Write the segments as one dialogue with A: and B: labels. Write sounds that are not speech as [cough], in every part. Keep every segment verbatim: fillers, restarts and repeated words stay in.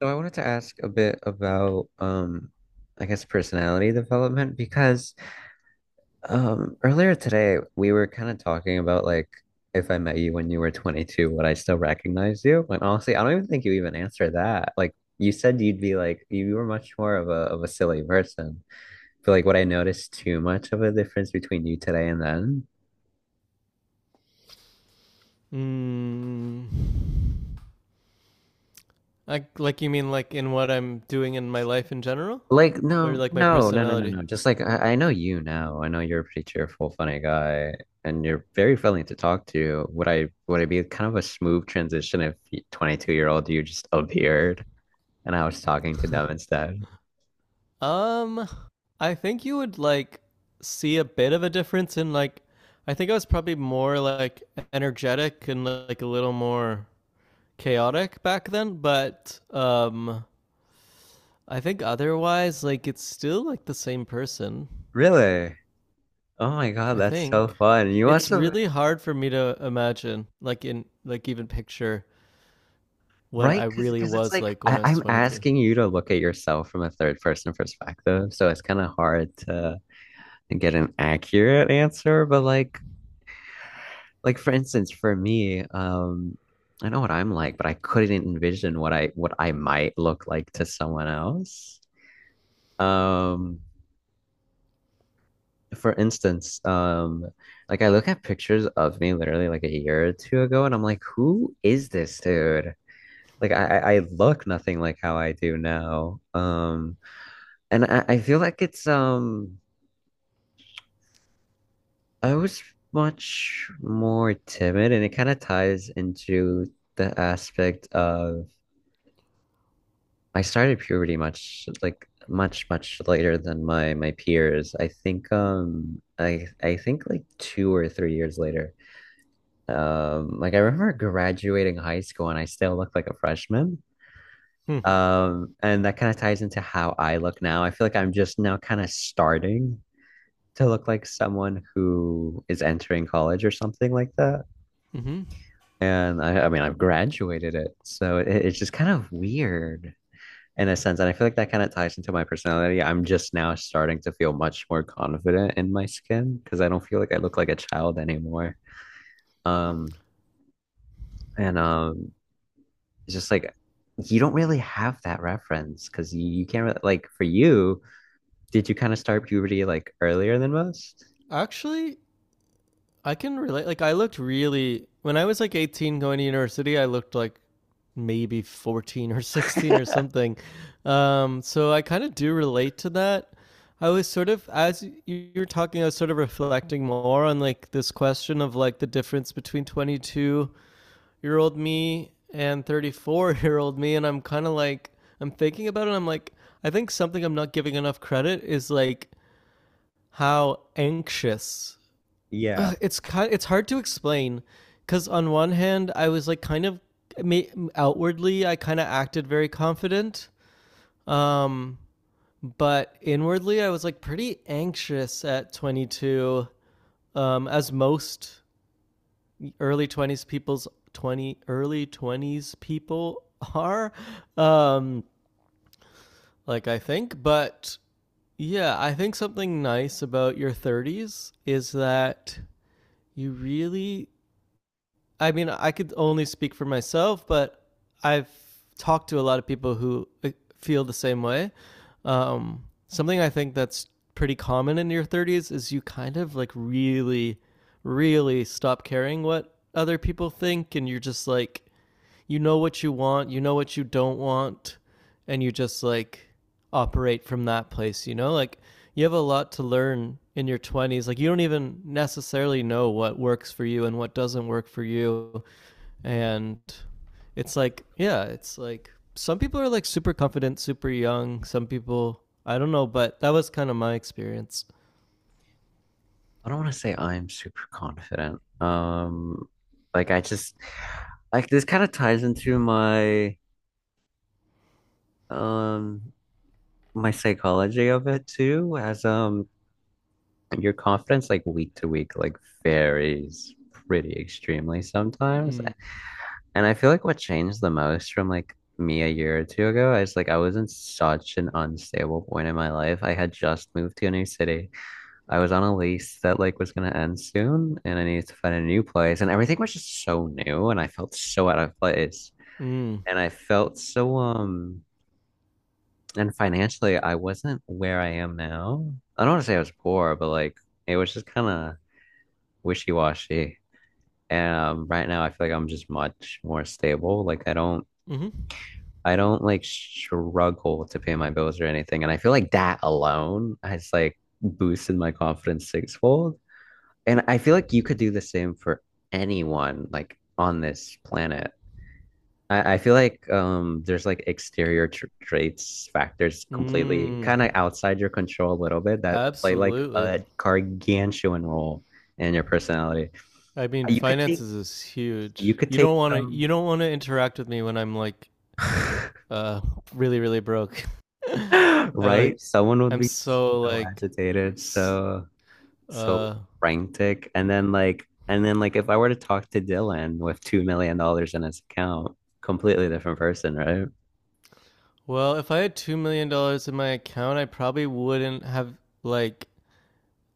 A: So I wanted to ask a bit about um I guess personality development because um earlier today we were kind of talking about like if I met you when you were twenty-two, would I still recognize you? And honestly, I don't even think you even answered that. Like you said you'd be like you were much more of a of a silly person. But like would I notice too much of a difference between you today and then?
B: Mm, like, like you mean like in what I'm doing in my life in general,
A: Like
B: or
A: no,
B: like my
A: no, no, no, no,
B: personality?
A: no. Just like I, I know you now. I know you're a pretty cheerful, funny guy, and you're very friendly to talk to. Would I would it be kind of a smooth transition if twenty-two year old you just [laughs] appeared and I was talking to them instead?
B: Um, I think you would like see a bit of a difference in like. I think I was probably more like energetic and like a little more chaotic back then, but um, I think otherwise, like it's still like the same person.
A: Really? Oh my God,
B: I
A: that's
B: think
A: so fun. You must
B: it's
A: have,
B: really hard for me to imagine, like in like even picture what
A: right?
B: I
A: Because
B: really
A: because it's
B: was
A: like
B: like when
A: I,
B: I was
A: I'm
B: twenty-two.
A: asking you to look at yourself from a third person perspective, so it's kind of hard to get an accurate answer. But like, like for instance, for me, um, I know what I'm like, but I couldn't envision what I what I might look like to someone else. Um, for instance, um, like I look at pictures of me literally like a year or two ago, and I'm like, who is this dude? Like I I I look nothing like how I do now. Um, and I, I feel like it's um I was much more timid, and it kind of ties into the aspect of I started puberty much like much much later than my my peers. I think um I I think like two or three years later. Um like I remember graduating high school and I still looked like a freshman.
B: Hmm.
A: Um and that kind of ties into how I look now. I feel like I'm just now kind of starting to look like someone who is entering college or something like that.
B: Mm-hmm.
A: And I I mean I've graduated it. So it, it's just kind of weird in a sense. And I feel like that kind of ties into my personality. I'm just now starting to feel much more confident in my skin because I don't feel like I look like a child anymore. Um, and um, It's just like you don't really have that reference because you, you can't really, like for you, did you kind of start puberty like earlier than most?
B: Actually, I can relate. Like, I looked really, when I was like eighteen going to university, I looked like maybe fourteen or [laughs] sixteen or something. Um, so I kind of do relate to that. I was sort of, as you were talking, I was sort of reflecting more on like this question of like the difference between twenty-two year old me and thirty-four year old me. And I'm kind of like, I'm thinking about it. And I'm like, I think something I'm not giving enough credit is like how anxious.
A: Yeah.
B: Ugh, it's kind, of, it's hard to explain because on one hand, I was like kind of outwardly, I kind of acted very confident. Um, but inwardly, I was like pretty anxious at twenty-two, um, as most early twenties people's twenty early twenties people are um like I think, but yeah, I think something nice about your thirties is that you really I mean, I could only speak for myself, but I've talked to a lot of people who uh, feel the same way. Um something I think that's pretty common in your thirties is you kind of like really really stop caring what other people think and you're just like you know what you want, you know what you don't want, and you just like operate from that place, you know? Like you have a lot to learn in your twenties. Like you don't even necessarily know what works for you and what doesn't work for you. And it's like, yeah, it's like some people are like super confident, super young. Some people, I don't know, but that was kind of my experience.
A: I don't want to say I'm super confident. Um, like I just like this kind of ties into my um my psychology of it too as um your confidence like week to week like varies pretty extremely sometimes.
B: Mm.
A: And I feel like what changed the most from like me a year or two ago, I was like I was in such an unstable point in my life. I had just moved to a new city. I was on a lease that like was gonna end soon and I needed to find a new place and everything was just so new and I felt so out of place.
B: Mm.
A: And I felt so um and financially I wasn't where I am now. I don't want to say I was poor, but like it was just kind of wishy-washy. And um, right now I feel like I'm just much more stable. Like I don't
B: Mm-hmm.
A: I don't like struggle to pay my bills or anything. And I feel like that alone has like boosted my confidence sixfold. And I feel like you could do the same for anyone like on this planet. I, I feel like um there's like exterior tr traits factors completely
B: Mm.
A: kind of outside your control a little bit that play like
B: Absolutely.
A: a gargantuan role in your personality.
B: I mean,
A: You could take
B: finances is
A: You
B: huge.
A: could
B: You
A: take
B: don't want to.
A: some,
B: You don't want to interact with me when I'm like,
A: [laughs]
B: uh, really, really broke. [laughs] I like,
A: right? Someone would
B: I'm
A: be
B: so
A: so
B: like,
A: agitated, so so
B: uh,
A: frantic, and then like, and then like, if I were to talk to Dylan with two million dollars in his account, completely different person, right?
B: well, if I had two million dollars in my account, I probably wouldn't have like,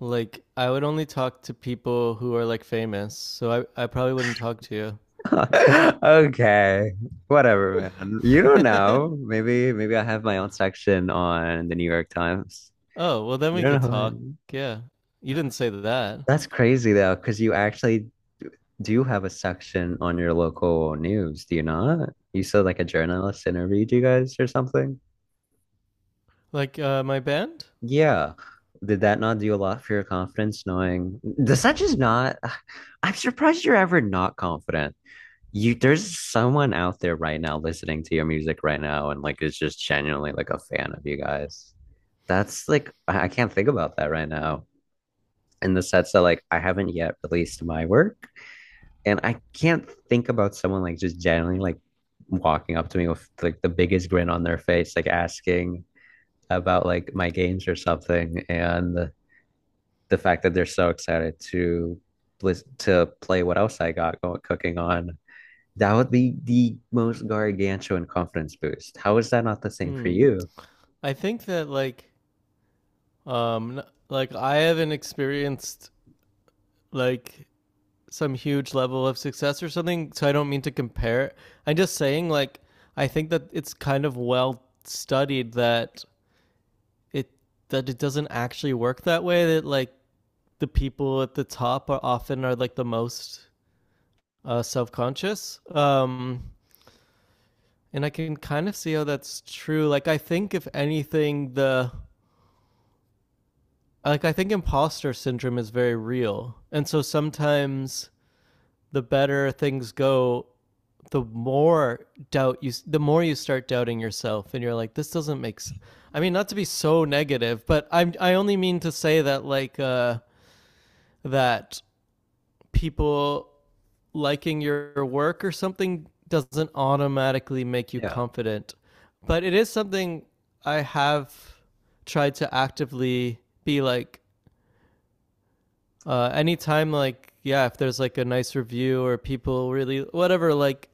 B: like, I would only talk to people who are like famous. So I, I probably wouldn't talk to you.
A: [laughs] Okay, whatever, man. You don't know.
B: [laughs]
A: Maybe, maybe I have my own section on the New York Times.
B: Oh well, then
A: You
B: we could
A: don't
B: talk.
A: know.
B: Yeah, you didn't say that.
A: That's crazy though, because you actually do have a section on your local news, do you not? You said like a journalist interviewed you guys or something?
B: Like, uh, my band.
A: Yeah. Did that not do a lot for your confidence knowing does that just not [sighs] I'm surprised you're ever not confident. You there's someone out there right now listening to your music right now and like is just genuinely like a fan of you guys. That's like I I can't think about that right now. In the sense that like I haven't yet released my work, and I can't think about someone like just generally like walking up to me with like the biggest grin on their face, like asking about like my games or something, and the, the fact that they're so excited to to play what else I got going cooking on. That would be the most gargantuan confidence boost. How is that not the same for
B: Hmm.
A: you?
B: I think that like Um, like I haven't experienced like some huge level of success or something, so I don't mean to compare it. I'm just saying, like, I think that it's kind of well studied that it that it doesn't actually work that way. That like the people at the top are often are like the most uh, self conscious. Um, and I can kind of see how that's true. Like, I think if anything, the like I think imposter syndrome is very real, and so sometimes the better things go, the more doubt you, the more you start doubting yourself, and you're like, this doesn't make sense. I mean, not to be so negative, but i I only mean to say that like uh, that people liking your work or something doesn't automatically make you
A: Yeah.
B: confident, but it is something I have tried to actively be like uh anytime like yeah if there's like a nice review or people really whatever like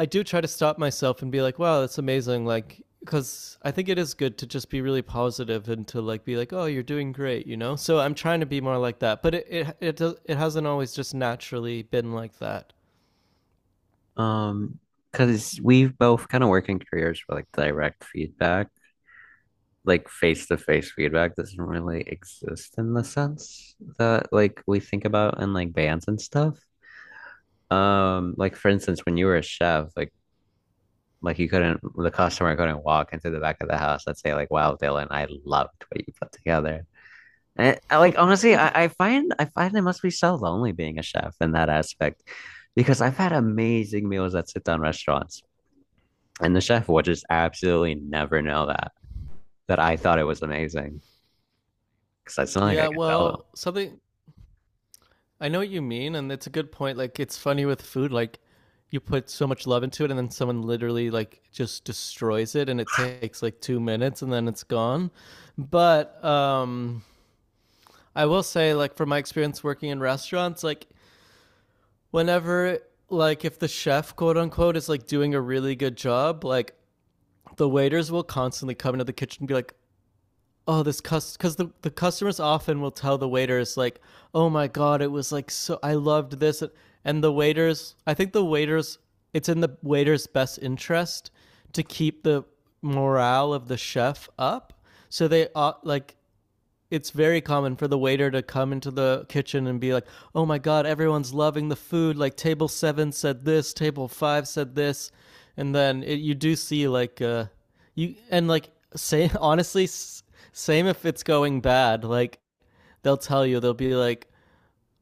B: I do try to stop myself and be like, wow, that's amazing. Like, because I think it is good to just be really positive and to like be like, oh, you're doing great, you know. So I'm trying to be more like that, but it it it, does, it hasn't always just naturally been like that.
A: Um, because we've both kind of work in careers for like direct feedback, like face to face feedback doesn't really exist in the sense that like we think about in like bands and stuff. Um, like for instance, when you were a chef, like like you couldn't the customer couldn't walk into the back of the house and say like, "Wow, Dylan, I loved what you put together." And I, like honestly, I, I find I find it must be so lonely being a chef in that aspect because I've had amazing meals at sit down restaurants. And the chef would just absolutely never know that, that I thought it was amazing because it's not like I
B: Yeah,
A: could tell them.
B: well, something I know what you mean, and it's a good point. Like, it's funny with food, like you put so much love into it, and then someone literally like just destroys it, and it takes like two minutes, and then it's gone. But um, I will say, like, from my experience working in restaurants, like whenever like if the chef quote unquote is like doing a really good job, like the waiters will constantly come into the kitchen and be like, oh this cust because the, the customers often will tell the waiters, like, oh my god, it was like, so I loved this. And the waiters, I think the waiters, it's in the waiter's best interest to keep the morale of the chef up. So they uh, like, it's very common for the waiter to come into the kitchen and be like, "Oh my god, everyone's loving the food. Like table seven said this, table five said this." And then it, you do see like uh you and like say [laughs] honestly s- same if it's going bad, like they'll tell you, they'll be like,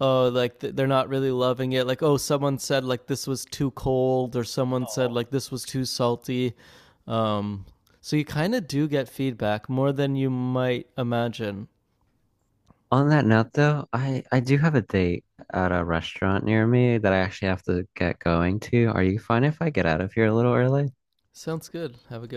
B: "Oh, like th- they're not really loving it. Like, oh, someone said like this was too cold or someone said
A: Oh.
B: like this was too salty." Um so you kind of do get feedback more than you might imagine.
A: On that note, though, I, I do have a date at a restaurant near me that I actually have to get going to. Are you fine if I get out of here a little early?
B: Sounds good. Have a good